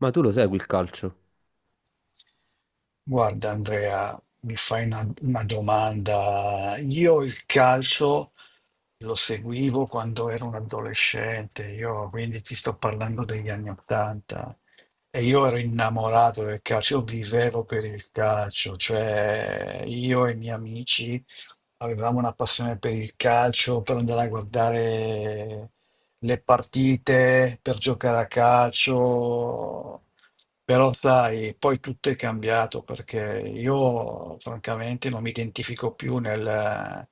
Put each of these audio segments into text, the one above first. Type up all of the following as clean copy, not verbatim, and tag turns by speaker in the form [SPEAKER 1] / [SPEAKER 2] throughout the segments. [SPEAKER 1] Ma tu lo segui il calcio?
[SPEAKER 2] Guarda, Andrea, mi fai una domanda. Io il calcio lo seguivo quando ero un adolescente, io quindi ti sto parlando degli anni Ottanta, e io ero innamorato del calcio, io vivevo per il calcio, cioè io e i miei amici avevamo una passione per il calcio, per andare a guardare le partite, per giocare a calcio. Però sai, poi tutto è cambiato perché io francamente non mi identifico più nel,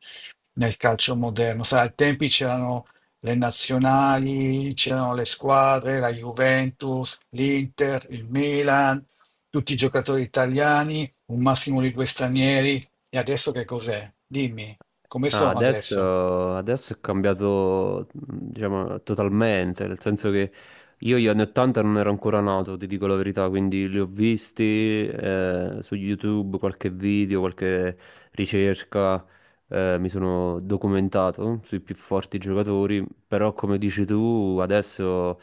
[SPEAKER 2] nel calcio moderno. Sai, ai tempi c'erano le nazionali, c'erano le squadre, la Juventus, l'Inter, il Milan, tutti i giocatori italiani, un massimo di due stranieri, e adesso che cos'è? Dimmi, come
[SPEAKER 1] Ah,
[SPEAKER 2] sono adesso?
[SPEAKER 1] adesso, adesso è cambiato, diciamo, totalmente, nel senso che io gli anni 80 non ero ancora nato, ti dico la verità, quindi li ho visti su YouTube, qualche video, qualche ricerca, mi sono documentato sui più forti giocatori, però come dici tu, adesso,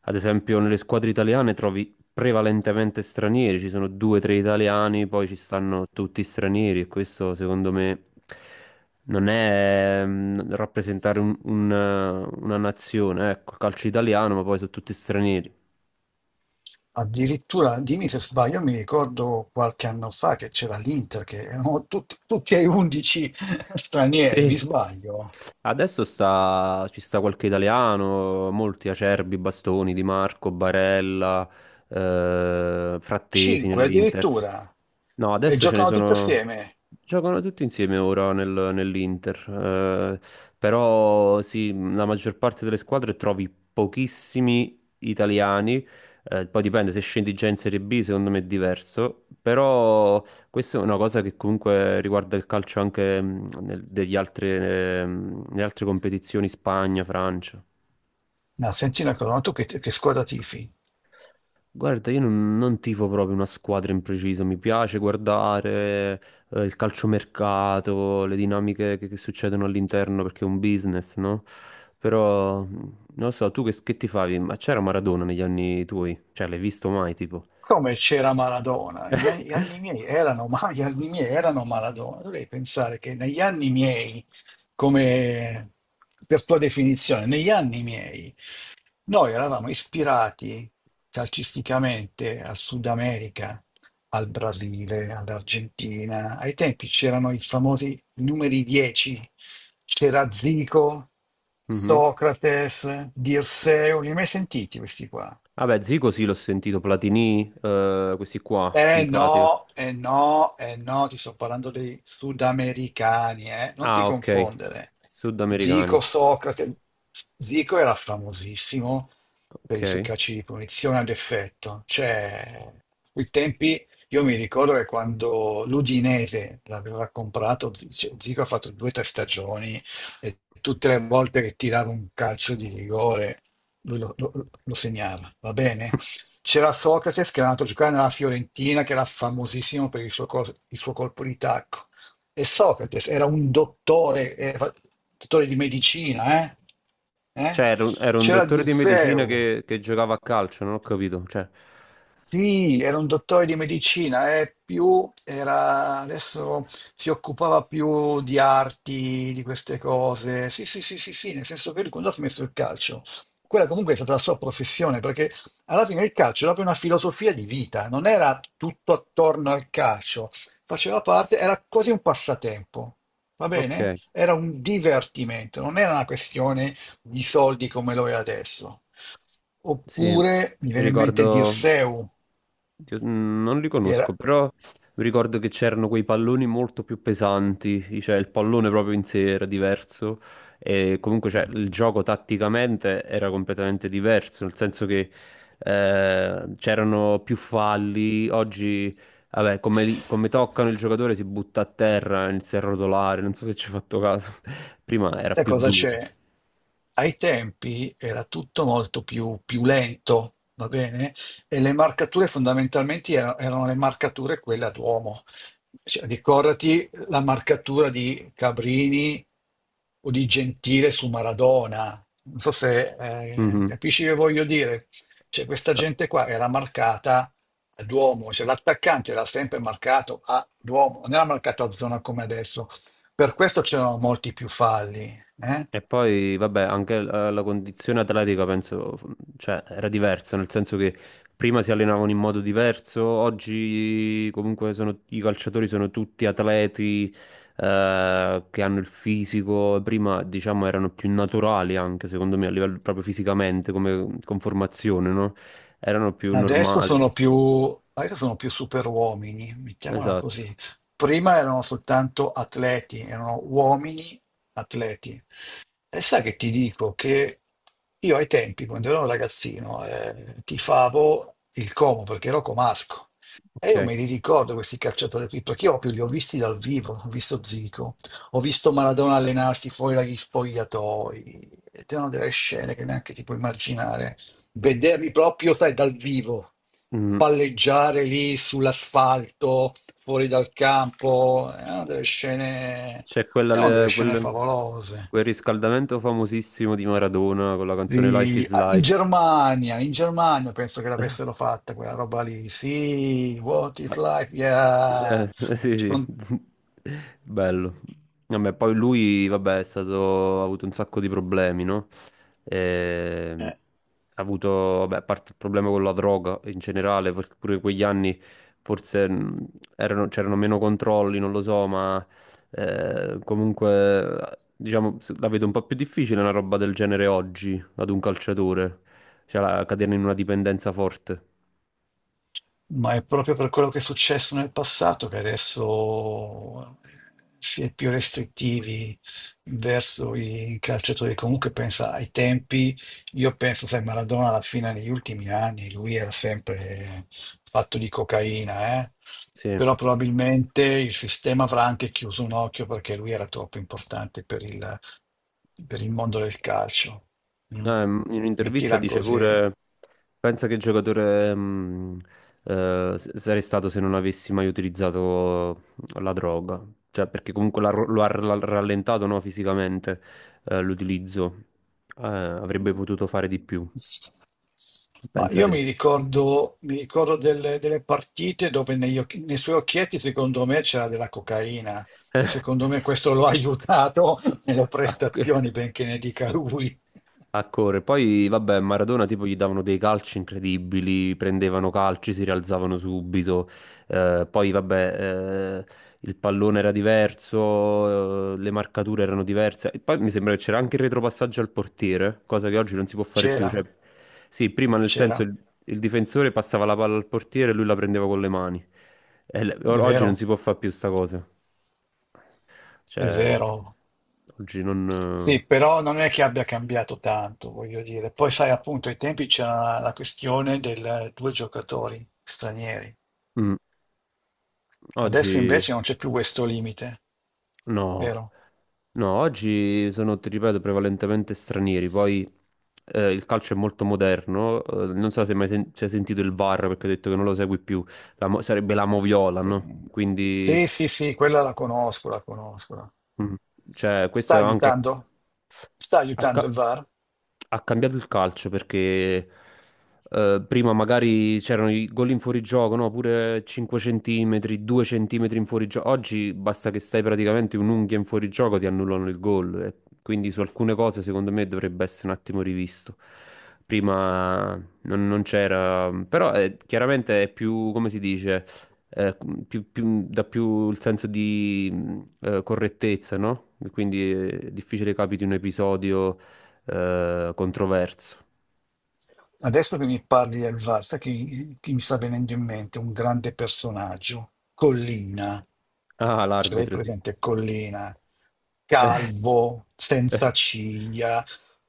[SPEAKER 1] ad esempio, nelle squadre italiane trovi prevalentemente stranieri, ci sono due o tre italiani, poi ci stanno tutti stranieri e questo secondo me non è rappresentare un una nazione, ecco, calcio italiano, ma poi sono tutti stranieri.
[SPEAKER 2] Addirittura, dimmi se sbaglio, mi ricordo qualche anno fa che c'era l'Inter, che erano tutti e 11 stranieri,
[SPEAKER 1] Sì.
[SPEAKER 2] mi sbaglio.
[SPEAKER 1] Adesso sta, ci sta qualche italiano, molti Acerbi, Bastoni, Di Marco, Barella, Frattesi
[SPEAKER 2] 5
[SPEAKER 1] nell'Inter.
[SPEAKER 2] addirittura.
[SPEAKER 1] No,
[SPEAKER 2] E
[SPEAKER 1] adesso ce ne
[SPEAKER 2] giocano tutti
[SPEAKER 1] sono...
[SPEAKER 2] assieme.
[SPEAKER 1] Giocano tutti insieme ora nell'Inter. eh, Però sì, la maggior parte delle squadre trovi pochissimi italiani. Poi dipende, se scendi già in Serie B secondo me è diverso. Però questa è una cosa che comunque riguarda il calcio anche degli altri, nelle altre competizioni, Spagna, Francia.
[SPEAKER 2] Ma senti una cosa, ma tu che squadra tifi?
[SPEAKER 1] Guarda, io non tifo proprio una squadra in preciso, mi piace guardare il calciomercato, le dinamiche che succedono all'interno perché è un business, no? Però, non lo so, tu che tifavi? Ma c'era Maradona negli anni tuoi? Cioè, l'hai visto mai, tipo?
[SPEAKER 2] Come c'era Maradona? Gli anni miei erano, ma gli anni miei erano Maradona. Dovrei pensare che negli anni miei, come per tua definizione, negli anni miei. Noi eravamo ispirati calcisticamente al Sud America, al Brasile, all'Argentina. Ai tempi c'erano i famosi numeri 10, c'era Zico,
[SPEAKER 1] Mhm.
[SPEAKER 2] Socrates, Dirseu, li hai mai sentiti questi qua?
[SPEAKER 1] Vabbè, Zico sì, l'ho sentito, Platini, questi qua, in
[SPEAKER 2] Eh
[SPEAKER 1] pratica.
[SPEAKER 2] no, eh no, eh no, ti sto parlando dei sudamericani, eh? Non ti
[SPEAKER 1] Ah, ok,
[SPEAKER 2] confondere.
[SPEAKER 1] sudamericani.
[SPEAKER 2] Zico, Socrate, Zico era famosissimo per i suoi
[SPEAKER 1] Ok.
[SPEAKER 2] calci di punizione ad effetto. Cioè, quei tempi, io mi ricordo che quando l'Udinese l'aveva comprato, cioè, Zico ha fatto due o tre stagioni e tutte le volte che tirava un calcio di rigore, lui lo segnava, va bene? C'era Socrate che era andato a giocare nella Fiorentina, che era famosissimo per il suo colpo di tacco. E Socrate era un dottore, era dottore di medicina, eh?
[SPEAKER 1] Cioè,
[SPEAKER 2] Eh?
[SPEAKER 1] era un
[SPEAKER 2] C'era
[SPEAKER 1] dottore di medicina
[SPEAKER 2] Disseu,
[SPEAKER 1] che giocava a calcio, non ho capito. Cioè,
[SPEAKER 2] sì, era un dottore di medicina, più era, adesso si occupava più di arti, di queste cose. Sì, sì, sì, sì, sì, nel senso che lui quando ha smesso il calcio, quella comunque è stata la sua professione, perché alla fine il calcio era proprio una filosofia di vita, non era tutto attorno al calcio, faceva parte, era quasi un passatempo, va
[SPEAKER 1] ok,
[SPEAKER 2] bene? Era un divertimento, non era una questione di soldi come lo è adesso.
[SPEAKER 1] sì,
[SPEAKER 2] Oppure mi
[SPEAKER 1] mi
[SPEAKER 2] viene in mente
[SPEAKER 1] ricordo,
[SPEAKER 2] Dirseu,
[SPEAKER 1] Dio, non li
[SPEAKER 2] che
[SPEAKER 1] conosco,
[SPEAKER 2] era
[SPEAKER 1] però mi ricordo che c'erano quei palloni molto più pesanti, cioè il pallone proprio in sé era diverso e comunque cioè, il gioco tatticamente era completamente diverso, nel senso che c'erano più falli, oggi vabbè, come, come toccano il giocatore si butta a terra, inizia a rotolare, non so se ci hai fatto caso, prima era
[SPEAKER 2] sai
[SPEAKER 1] più
[SPEAKER 2] cosa
[SPEAKER 1] duro.
[SPEAKER 2] c'è? Ai tempi era tutto molto più, più lento, va bene? E le marcature fondamentalmente erano le marcature quelle ad uomo. Cioè, ricordati la marcatura di Cabrini o di Gentile su Maradona. Non so se
[SPEAKER 1] Mhm.
[SPEAKER 2] capisci che voglio dire. Cioè, questa gente qua era marcata a Duomo, cioè l'attaccante era sempre marcato a Duomo, non era marcato a zona come adesso. Per questo c'erano molti più falli, eh?
[SPEAKER 1] E poi, vabbè, anche la condizione atletica penso, cioè, era diversa, nel senso che prima si allenavano in modo diverso, oggi comunque i calciatori sono tutti atleti, che hanno il fisico, prima diciamo erano più naturali anche, secondo me, a livello proprio fisicamente, come conformazione, no? Erano più
[SPEAKER 2] Adesso
[SPEAKER 1] normali.
[SPEAKER 2] sono più, adesso sono più superuomini, mettiamola
[SPEAKER 1] Esatto,
[SPEAKER 2] così. Prima erano soltanto atleti, erano uomini atleti. E sai che ti dico che io ai tempi, quando ero un ragazzino, tifavo il Como perché ero comasco. E io
[SPEAKER 1] ok.
[SPEAKER 2] me li ricordo questi calciatori qui, perché io proprio li ho visti dal vivo, ho visto Zico, ho visto Maradona allenarsi fuori dagli spogliatoi, ed erano delle scene che neanche ti puoi immaginare. Vederli proprio, sai, dal vivo,
[SPEAKER 1] Mm.
[SPEAKER 2] palleggiare lì sull'asfalto, fuori dal campo,
[SPEAKER 1] C'è
[SPEAKER 2] erano delle scene favolose.
[SPEAKER 1] quel riscaldamento famosissimo di Maradona con la canzone Life
[SPEAKER 2] Sì,
[SPEAKER 1] is
[SPEAKER 2] ah,
[SPEAKER 1] Life.
[SPEAKER 2] In Germania penso che l'avessero fatta quella roba lì. Sì, What is
[SPEAKER 1] Ah,
[SPEAKER 2] life? Yeah.
[SPEAKER 1] sì,
[SPEAKER 2] Ci
[SPEAKER 1] sì,
[SPEAKER 2] son-
[SPEAKER 1] bello. Vabbè, poi lui, vabbè, è stato, ha avuto un sacco di problemi, no? Ehm,
[SPEAKER 2] eh,
[SPEAKER 1] ha avuto, vabbè, a parte il problema con la droga in generale, perché pure quegli anni forse c'erano meno controlli, non lo so, ma comunque, diciamo, la vedo un po' più difficile una roba del genere oggi, ad un calciatore, cioè cadere in una dipendenza forte.
[SPEAKER 2] ma è proprio per quello che è successo nel passato che adesso si è più restrittivi verso i calciatori. Comunque pensa ai tempi, io penso, sai, Maradona alla fine negli ultimi anni, lui era sempre fatto di cocaina, eh?
[SPEAKER 1] Sì.
[SPEAKER 2] Però probabilmente il sistema avrà anche chiuso un occhio perché lui era troppo importante per il mondo del calcio. Mm?
[SPEAKER 1] In un'intervista
[SPEAKER 2] Mettila
[SPEAKER 1] dice
[SPEAKER 2] così.
[SPEAKER 1] pure, pensa che giocatore sarei stato se non avessi mai utilizzato la droga, cioè perché comunque l'ha ro- lo ha ra- rallentato no, fisicamente l'utilizzo. Avrebbe potuto fare di più,
[SPEAKER 2] Ma
[SPEAKER 1] pensa
[SPEAKER 2] io
[SPEAKER 1] te.
[SPEAKER 2] mi ricordo delle, delle partite dove nei suoi occhietti, secondo me, c'era della cocaina e secondo me questo lo ha aiutato nelle
[SPEAKER 1] Ah,
[SPEAKER 2] prestazioni, benché ne dica lui.
[SPEAKER 1] a correre. Poi, vabbè, Maradona tipo gli davano dei calci incredibili, prendevano calci, si rialzavano subito. Poi, vabbè, il pallone era diverso, le marcature erano diverse. E poi mi sembra che c'era anche il retropassaggio al portiere, cosa che oggi non si può fare più.
[SPEAKER 2] C'era,
[SPEAKER 1] Cioè, sì, prima nel senso
[SPEAKER 2] c'era,
[SPEAKER 1] il difensore passava la palla al portiere e lui la prendeva con le mani. E
[SPEAKER 2] è
[SPEAKER 1] oggi non
[SPEAKER 2] vero,
[SPEAKER 1] si può fare più sta cosa.
[SPEAKER 2] è
[SPEAKER 1] Cioè,
[SPEAKER 2] vero.
[SPEAKER 1] oggi
[SPEAKER 2] Sì,
[SPEAKER 1] non...
[SPEAKER 2] però non è che abbia cambiato tanto, voglio dire. Poi, sai, appunto, ai tempi c'era la questione del due giocatori stranieri.
[SPEAKER 1] eh, mm,
[SPEAKER 2] Adesso
[SPEAKER 1] oggi
[SPEAKER 2] invece non c'è più questo limite,
[SPEAKER 1] no.
[SPEAKER 2] vero?
[SPEAKER 1] No, oggi sono, ti ripeto, prevalentemente stranieri, poi il calcio è molto moderno, non so se hai mai ci hai sentito il VAR perché ho detto che non lo segui più. Sarebbe la moviola,
[SPEAKER 2] Sì,
[SPEAKER 1] no? Quindi,
[SPEAKER 2] sì, sì, sì, quella la conosco, la conosco.
[SPEAKER 1] mm, cioè, questo
[SPEAKER 2] Sta
[SPEAKER 1] è anche...
[SPEAKER 2] aiutando? Sta
[SPEAKER 1] a
[SPEAKER 2] aiutando
[SPEAKER 1] ca-
[SPEAKER 2] il VAR?
[SPEAKER 1] ha cambiato il calcio perché prima magari c'erano i gol in fuorigioco, no? Pure 5 centimetri, 2 centimetri in fuorigioco. Oggi basta che stai praticamente un'unghia in fuorigioco, ti annullano il gol. E quindi su alcune cose secondo me dovrebbe essere un attimo rivisto. Prima non c'era, però chiaramente è più, come si dice, eh, dà più il senso di correttezza, no? E quindi è difficile capiti un episodio controverso.
[SPEAKER 2] Adesso che mi parli del VAR, sai chi mi sta venendo in mente? Un grande personaggio, Collina.
[SPEAKER 1] Ah,
[SPEAKER 2] Ce l'hai
[SPEAKER 1] l'arbitro, sì.
[SPEAKER 2] presente Collina? Calvo,
[SPEAKER 1] Eh,
[SPEAKER 2] senza ciglia,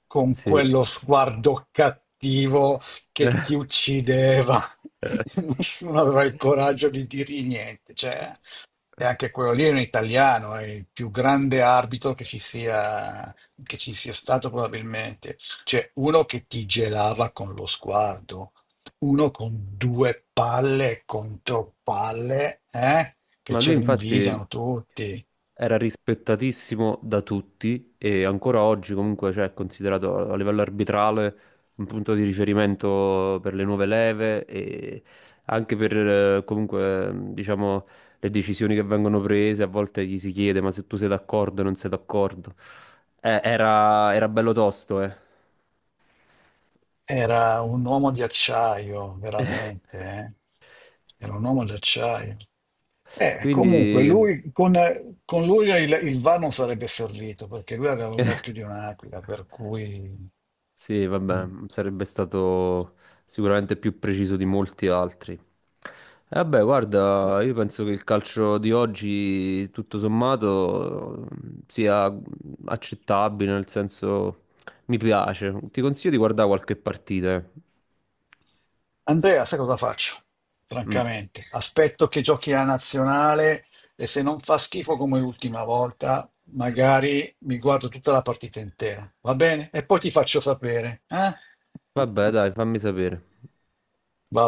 [SPEAKER 2] con
[SPEAKER 1] sì.
[SPEAKER 2] quello sguardo cattivo che
[SPEAKER 1] Eh.
[SPEAKER 2] ti uccideva. Nessuno aveva il coraggio di dirgli niente. Cioè, e anche quello lì è un italiano, è il più grande arbitro che ci sia stato probabilmente. Cioè, uno che ti gelava con lo sguardo, uno con due palle contro palle, eh? Che
[SPEAKER 1] Ma lui
[SPEAKER 2] ce lo
[SPEAKER 1] infatti
[SPEAKER 2] invidiano tutti.
[SPEAKER 1] era rispettatissimo da tutti e ancora oggi comunque cioè, è considerato a livello arbitrale un punto di riferimento per le nuove leve e anche per comunque diciamo le decisioni che vengono prese, a volte gli si chiede ma se tu sei d'accordo o non sei d'accordo. Era, era bello tosto, eh.
[SPEAKER 2] Era un uomo di acciaio, veramente, eh? Era un uomo d'acciaio. Comunque,
[SPEAKER 1] Quindi
[SPEAKER 2] lui, con lui il VAR non sarebbe servito perché lui aveva l'occhio di un'aquila, per cui.
[SPEAKER 1] sì,
[SPEAKER 2] Mm.
[SPEAKER 1] vabbè, sarebbe stato sicuramente più preciso di molti altri. E vabbè, guarda, io penso che il calcio di oggi, tutto sommato, sia accettabile, nel senso mi piace. Ti consiglio di guardare qualche partita. Eh.
[SPEAKER 2] Andrea, sai cosa faccio?
[SPEAKER 1] Mm.
[SPEAKER 2] Francamente, aspetto che giochi la nazionale e se non fa schifo come l'ultima volta, magari mi guardo tutta la partita intera, va bene? E poi ti faccio sapere, eh?
[SPEAKER 1] Vabbè, dai, fammi sapere.
[SPEAKER 2] Va